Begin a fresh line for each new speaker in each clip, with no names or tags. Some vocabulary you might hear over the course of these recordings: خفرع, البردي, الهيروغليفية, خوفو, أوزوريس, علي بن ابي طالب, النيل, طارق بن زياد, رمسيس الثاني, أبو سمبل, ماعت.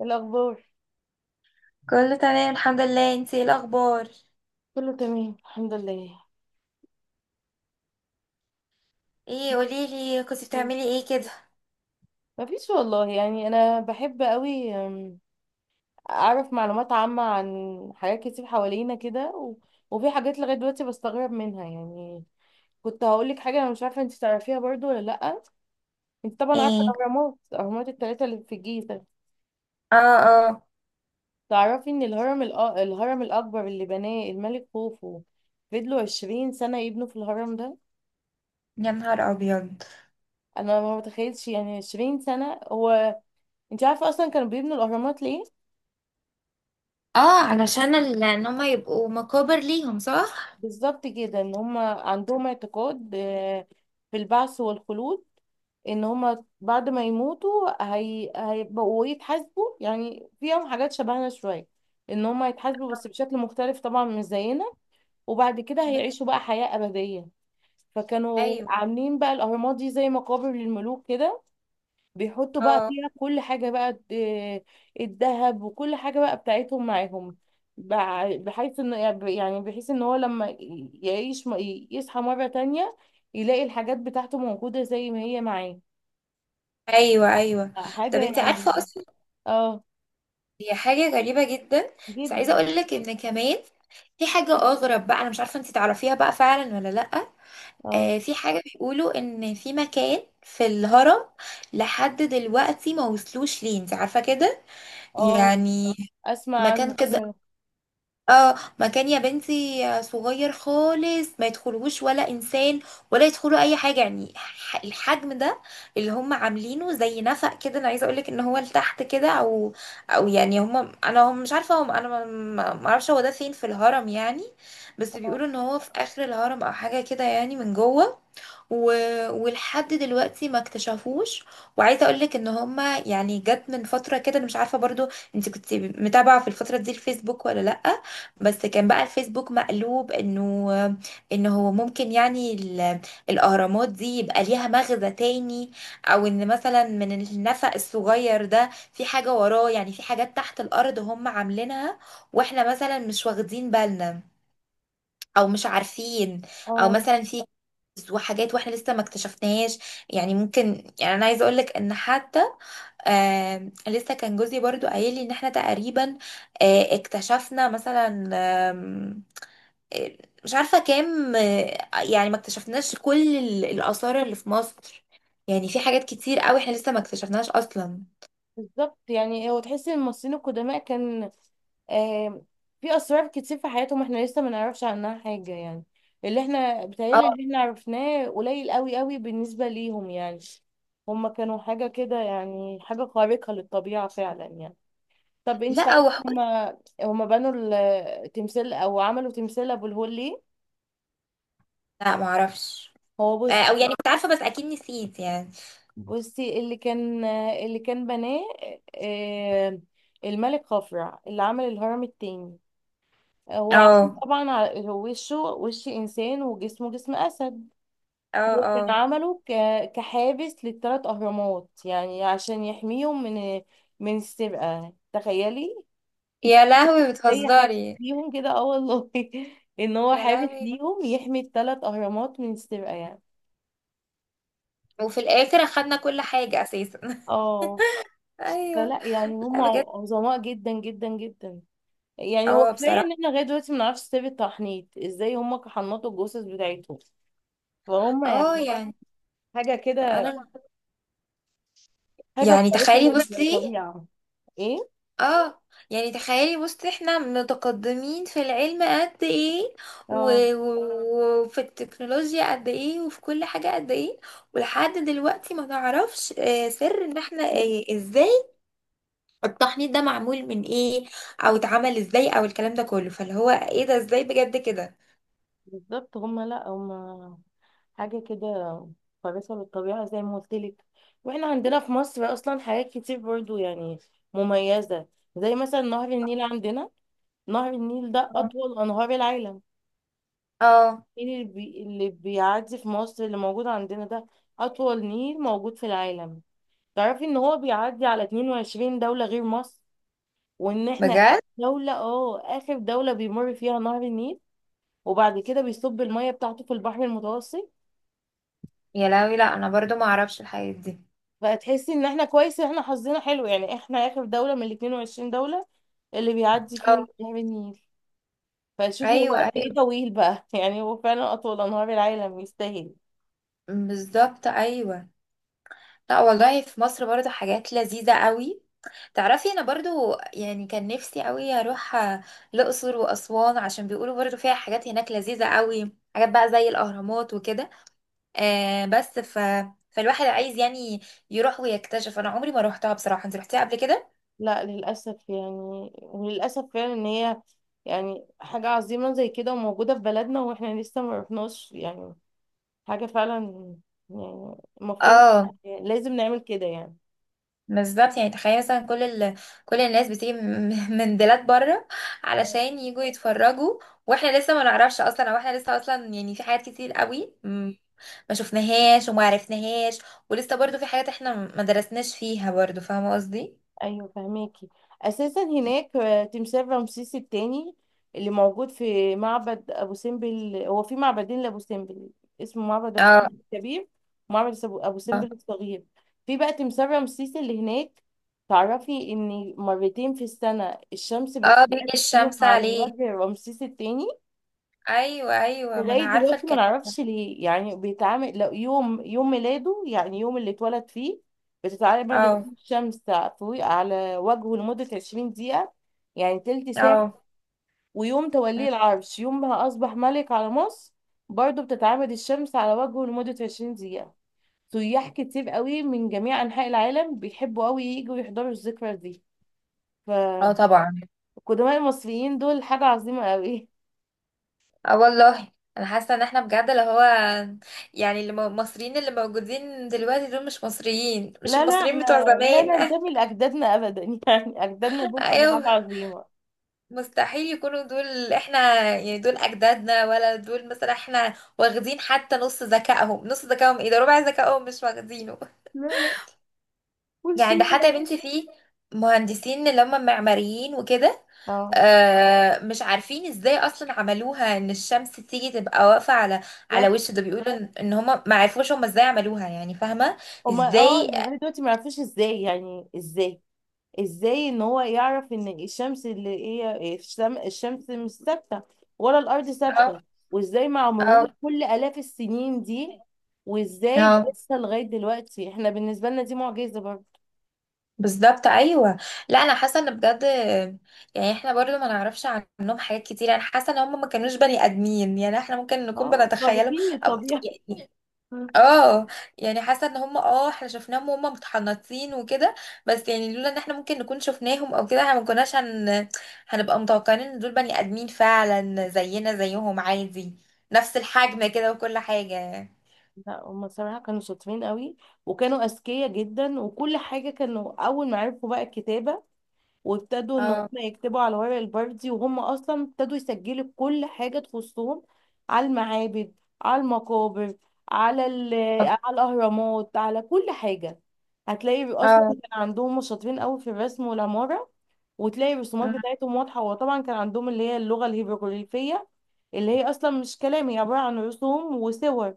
الأخبار
كله تمام، الحمد لله. انتي ايه الاخبار؟
كله تمام الحمد لله.
ايه، قوليلي كنتي
مم.
بتعملي ايه كده؟
مفيش والله يعني أنا بحب قوي أعرف معلومات عامة عن حاجات كتير حوالينا كده وفي حاجات لغاية دلوقتي بستغرب منها يعني. كنت هقولك حاجة أنا مش عارفة أنت تعرفيها برضو ولا لأ. أنت طبعا عارفة
ايه.
الأهرامات التلاتة اللي في الجيزة.
اه، اه.
تعرفي إن الهرم الأكبر اللي بناه الملك خوفو فضلوا 20 سنة يبنوا في الهرم ده.
يا نهار ابيض.
أنا ما متخيلش يعني 20 سنة. هو أنت عارفة أصلا كانوا بيبنوا الأهرامات ليه؟
اه، علشان ان هما يبقوا مقابر ليهم، صح؟
بالظبط كده ان هم عندهم اعتقاد في البعث والخلود. ان هم بعد ما يموتوا هيبقوا يتحاسبوا يعني، فيهم حاجات شبهنا شوية. ان هم هيتحاسبوا بس بشكل مختلف طبعا مش زينا. وبعد كده
بس-.
هيعيشوا بقى حياة أبدية. فكانوا
ايوه.
عاملين بقى الأهرامات دي زي مقابر للملوك كده. بيحطوا بقى
اه.
فيها كل حاجة بقى، الذهب وكل حاجة بقى بتاعتهم معاهم. بحيث انه، يعني بحيث ان هو لما يعيش يصحى مرة تانية يلاقي الحاجات بتاعته موجودة زي ما هي معاه.
ايوه، ايوه. طب
حاجة
انتي عارفه
يعني.
اصلا؟
اه،
هي حاجه غريبه جدا. بس عايزه
جدا.
اقول لك ان كمان في حاجه اغرب بقى، انا مش عارفه انتي تعرفيها بقى فعلا ولا لا.
اه.
في حاجه بيقولوا ان في مكان في الهرم لحد دلوقتي ما وصلوش ليه، انتي عارفه كده؟
اه.
يعني.
اسمع
مكان
عنه
كده.
فعلا.
اه، مكان يا بنتي صغير خالص، ما يدخلوش ولا انسان ولا يدخلوا اي حاجه، يعني الحجم ده اللي هم عاملينه زي نفق كده. انا عايزه اقولك ان هو لتحت كده، او يعني هم مش عارفه، هم انا ما ما- ما اعرفش هو ده فين في الهرم يعني. بس
اه.
بيقولوا ان هو في اخر الهرم او حاجه كده، يعني من جوه و... ولحد دلوقتي ما اكتشفوش. وعايزه اقولك ان هما، يعني جت من فتره كده، انا مش عارفه برضو انت كنت متابعه في الفتره دي الفيسبوك ولا لا. بس كان بقى الفيسبوك مقلوب، انه ان هو ممكن يعني الاهرامات دي يبقى ليها مغزى تاني، او ان مثلا من النفق الصغير ده في حاجة وراه، يعني في حاجات تحت الارض هم عاملينها واحنا مثلا مش واخدين بالنا او مش عارفين، او
اه.
مثلا في كنز وحاجات واحنا لسه ما اكتشفناهاش. يعني ممكن، يعني انا عايزه اقولك ان حتى لسه كان جوزي برضو قايل لي ان احنا تقريبا اكتشفنا مثلا، مش عارفة كام، يعني ما اكتشفناش كل الآثار اللي في مصر. يعني في حاجات كتير قوي احنا لسه ما اكتشفناش أصلا.
بالظبط يعني هو تحس ان الممثلين القدماء كان آه في اسرار كتير في حياتهم احنا لسه ما نعرفش عنها حاجه يعني. اللي احنا
اه.
بيتهيألي اللي احنا عرفناه قليل قوي قوي بالنسبه ليهم يعني. هما كانوا حاجه كده يعني، حاجه خارقه للطبيعه فعلا يعني. طب انت
لا،
تعرفي، هما بنوا التمثال او عملوا تمثال ابو الهول ليه؟
لا، ما اعرفش.
هو بص.
او يعني كنت عارفة بس اكيد نسيت يعني.
بصي، اللي كان بناه آه الملك خفرع اللي عمل الهرم التاني. هو عشان
اه،
طبعا هو وشه وش انسان وجسمه جسم اسد.
اه،
هو كان
اه.
عمله كحابس للثلاث اهرامات يعني عشان يحميهم من السرقه، تخيلي.
يا لهوي،
زي حابس
بتهزري؟
ليهم كده، اه والله. ان هو
يا
حابس
لهوي.
ليهم يحمي الثلاث اهرامات من السرقه يعني.
وفي الاخر اخدنا كل حاجة اساسا.
اه.
ايوه.
فلا يعني
لا،
هم
بجد.
عظماء جدا جدا جدا. يعني هو
اه،
كفايه ان
بصراحة.
احنا لغايه دلوقتي ما نعرفش سر التحنيط ازاي هم حنطوا الجثث بتاعتهم. فهم
اه،
يعني
يعني.
حاجه كده.
انا.
حاجة
يعني
قريتها
تخيلي، بصي.
للطبيعة. ايه.
اه. يعني تخيلي بصي، احنا متقدمين في العلم قد ايه،
اه.
وفي التكنولوجيا قد ايه، وفي كل حاجة قد ايه. ولحد دلوقتي ما نعرفش سر ان احنا ازاي التحنيط ده معمول من ايه، او اتعمل ازاي، او الكلام ده كله، فاللي هو ايه ده ازاي بجد كده؟
بالظبط هما، لا هما حاجة كده كويسة للطبيعة زي ما قلت لك. واحنا عندنا في مصر أصلا حاجات كتير برضو يعني مميزة. زي مثلا نهر النيل عندنا. نهر النيل ده أطول أنهار العالم.
اه،
النيل اللي بيعدي في مصر اللي موجود عندنا ده أطول نيل موجود في العالم. تعرفي إن هو بيعدي على 22 دولة غير مصر وإن احنا
بجد.
دولة اه آخر دولة بيمر فيها نهر النيل وبعد كده بيصب المية بتاعته في البحر المتوسط.
يا لهوي. لا، انا برضو ما اعرفش الحاجات دي.
فتحسي ان احنا كويس ان احنا حظنا حلو، يعني احنا اخر دولة من ال 22 دولة اللي بيعدي
اه.
فيهم نهر النيل. فشوفي هو
ايوه،
قد ايه
ايوه.
طويل بقى، يعني هو فعلا اطول انهار العالم يستاهل.
بالظبط، ايوه. لا، والله في مصر برضو حاجات لذيذة قوي. تعرفي، انا برضو يعني كان نفسي قوي اروح الاقصر واسوان، عشان بيقولوا برضو فيها حاجات هناك لذيذه قوي، حاجات بقى زي الاهرامات وكده. بس فالواحد عايز يعني يروح ويكتشف. انا عمري ما روحتها بصراحه. انت رحتيها قبل كده؟
لا للاسف يعني، وللاسف فعلا ان هي يعني حاجة عظيمة زي كده وموجودة في بلدنا واحنا لسه ما رحناش يعني. حاجة فعلا يعني المفروض
اه.
لازم نعمل كده يعني.
بالظبط، يعني تخيل مثلا كل كل الناس بتيجي من من بلاد بره علشان يجوا يتفرجوا، واحنا لسه ما نعرفش اصلا، او احنا لسه اصلا، يعني في حاجات كتير قوي ما شفناهاش وما عرفناهاش، ولسه برضو في حاجات احنا ما درسناش فيها برضو، فاهمة قصدي؟
ايوه فهماكي. اساسا هناك تمثال رمسيس الثاني اللي موجود في معبد ابو سمبل. هو في معبدين لابو سمبل، اسمه معبد ابو سمبل
اه.
الكبير، ومعبد ابو سمبل الصغير. في بقى تمثال رمسيس اللي هناك. تعرفي ان مرتين في السنة الشمس
اه، بيجي
بتتسلق فيهم
الشمس
على
عليه.
وجه رمسيس الثاني.
ايوه، ايوه، ما
لغاية
انا عارفة
دلوقتي ما
الكلام.
نعرفش ليه، يعني بيتعامل لو يوم يوم ميلاده يعني يوم اللي اتولد فيه بتتعرض مادة
اه،
الشمس فوق على وجهه لمدة 20 دقيقة، يعني تلت ساعة.
اه.
ويوم
مم.
توليه العرش يوم ما أصبح ملك على مصر برضه بتتعامد الشمس على وجهه لمدة 20 دقيقة. سياح كتير قوي من جميع أنحاء العالم بيحبوا قوي يجوا يحضروا الذكرى دي.
اه،
فالقدماء
طبعا.
المصريين دول حاجة عظيمة قوي.
اه، والله. انا حاسة ان احنا بجد اللي هو، يعني اللي المصريين اللي موجودين دلوقتي دول مش مصريين، مش
لا لا،
المصريين
احنا
بتوع
لا
زمان.
ننتمي لأجدادنا أبدا. يعني أجدادنا دول كانوا
ايوه.
حاجة عظيمة.
مستحيل يكونوا دول احنا. يعني دول اجدادنا؟ ولا دول مثلا احنا واخدين حتى نص ذكائهم؟ نص ذكائهم، ايه ده، ربع ذكائهم مش واخدينه.
لا لا.
يعني ده حتى يا
والشيلة.
بنتي في مهندسين اللي هم معماريين وكده،
اه
مش عارفين ازاي اصلا عملوها ان الشمس تيجي تبقى واقفه على
بالظبط.
وش ده، بيقولوا ان هم ما عرفوش هم ازاي عملوها، يعني فاهمه؟
هما
ازاي.
اه لغاية دلوقتي ما يعرفوش ازاي، يعني ازاي ان هو يعرف ان الشمس اللي هي الشمس مش ثابتة ولا الأرض
اه،
ثابتة. وازاي مع مرور كل آلاف السنين دي وازاي
اه،
بيحصل لغاية دلوقتي احنا بالنسبة لنا دي معجزة برضه.
بالظبط، ايوه. لا، انا حاسه ان بجد، يعني احنا برضو ما نعرفش عنهم حاجات كتير. انا حاسه ان هم ما كانوش بني ادمين، يعني احنا ممكن نكون
اه
بنتخيلهم،
خارقين
أو،
للطبيعة.
يعني، اه، يعني حاسه ان هم احنا شفناهم وهم متحنطين وكده، بس يعني لولا ان احنا ممكن نكون شفناهم او كده احنا ما كناش هنبقى متوقعين ان دول بني ادمين فعلا زينا زيهم عادي، نفس الحجم كده وكل حاجه.
لا هما صراحة كانوا شاطرين قوي وكانوا أذكياء جدا وكل حاجة. كانوا أول ما عرفوا بقى الكتابة وابتدوا إن هما
اه،
يكتبوا على ورق البردي وهم أصلا ابتدوا يسجلوا كل حاجة تخصهم على المعابد، على المقابر، على على الأهرامات، على كل حاجة. هتلاقي أصلا
اه،
كان عندهم هما شاطرين قوي في الرسم والعمارة. وتلاقي الرسومات بتاعتهم واضحة، وطبعا كان عندهم اللي هي اللغة الهيروغليفية اللي هي أصلا مش كلام، هي عبارة عن رسوم وصور.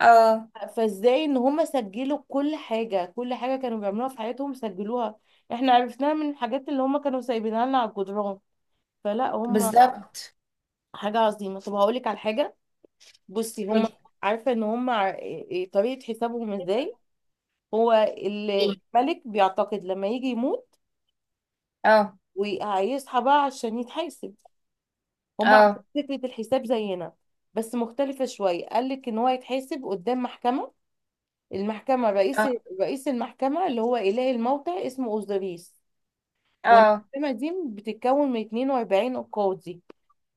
اه،
فازاي ان هم سجلوا كل حاجة، كل حاجة كانوا بيعملوها في حياتهم سجلوها. احنا عرفناها من الحاجات اللي هم كانوا سايبينها لنا على الجدران. فلا هم
بالظبط.
حاجة عظيمة. طب هقولك على حاجة، بصي هم. عارفة ان هم ع- إيه- إيه، طريقة حسابهم ازاي.
قولي.
هو الملك بيعتقد لما يجي يموت
اه،
وهيصحى بقى عشان يتحاسب. هم عندهم
اه،
فكرة الحساب زينا بس مختلفة شوية. قالك ان هو يتحاسب قدام محكمة، المحكمة
اه،
رئيس المحكمة اللي هو إله الموتى اسمه أوزوريس.
اه،
والمحكمة دي بتتكون من 42 قاضي.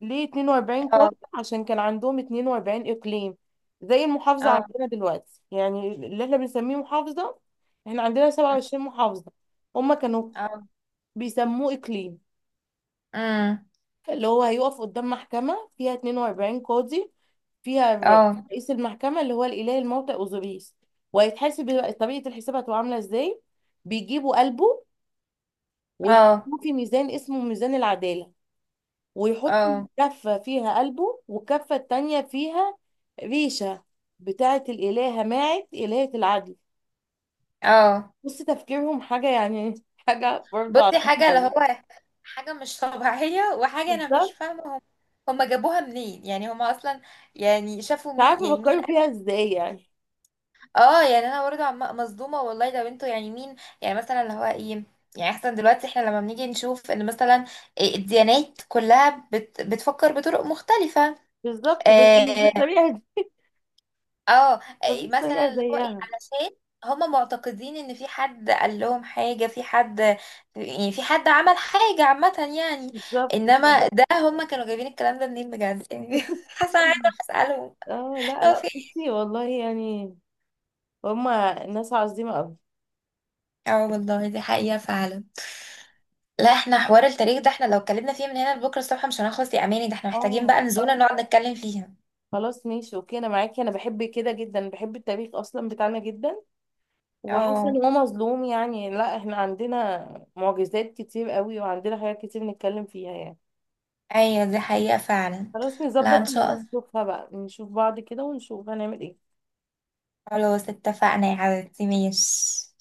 ليه 42
اه،
قاضي؟ عشان كان عندهم 42 إقليم، زي المحافظة
اه،
عندنا دلوقتي يعني اللي احنا بنسميه محافظة. احنا عندنا 27 محافظة. هما كانوا
اه.
بيسموه إقليم.
امم.
اللي هو هيقف قدام محكمة فيها 42 قاضي، فيها
اه،
رئيس المحكمة اللي هو الإله الموتى أوزوريس. وهيتحاسب طريقة الحساب هتبقى عاملة ازاي. بيجيبوا قلبه
اه،
ويحطوه في ميزان اسمه ميزان العدالة. ويحط
اه،
كفة فيها قلبه والكفة التانية فيها ريشة بتاعة الإلهة ماعت إلهة العدل.
اه.
بص تفكيرهم حاجة يعني، حاجة برضه
بصي
عظيمة
حاجة، اللي
أوي.
هو حاجة مش طبيعية، وحاجة أنا مش
بالظبط.
فاهمة هم جابوها منين؟ يعني هم أصلا، يعني شافوا
مش
مين؟
عارفة
يعني مين؟
بفكروا فيها ازاي يعني.
اه، يعني أنا برضه مصدومة والله، ده بنته يعني مين؟ يعني مثلا اللي هو ايه، يعني احسن دلوقتي احنا لما بنيجي نشوف ان مثلا الديانات كلها بتفكر بطرق مختلفة.
بالظبط بس مش
آه،
بالطريقة دي.
اه، إيه
مفيش طريقة
مثلا اللي هو ايه،
زيها.
علشان هما معتقدين ان في حد قال لهم حاجة، في حد، يعني في حد عمل حاجة عامة يعني،
بالظبط.
انما ده هما كانوا جايبين الكلام ده منين بجد يعني. حاسة أنا عايزة أروح اسألهم.
اه. لا
هو
لا
في إيه؟
بصي والله يعني هما الناس عظيمة قوي.
اه، والله دي حقيقة فعلا. لا، احنا حوار التاريخ ده، احنا لو اتكلمنا فيه من هنا لبكرة الصبح مش هنخلص يا اماني، ده احنا محتاجين
اه.
بقى نزولة نقعد نتكلم فيها.
خلاص ماشي اوكي انا معاكي، انا بحب كده جدا، بحب التاريخ اصلا بتاعنا جدا وحاسه
اه،
ان هو مظلوم يعني. لا احنا عندنا معجزات كتير قوي وعندنا حاجات كتير نتكلم فيها يعني.
ايوه، دي حقيقة فعلا.
خلاص
لا،
نظبط،
ان شاء الله.
نشوفها بقى، نشوف بعض كده ونشوف هنعمل ايه.
خلاص، اتفقنا يا حبيبتي، ماشي.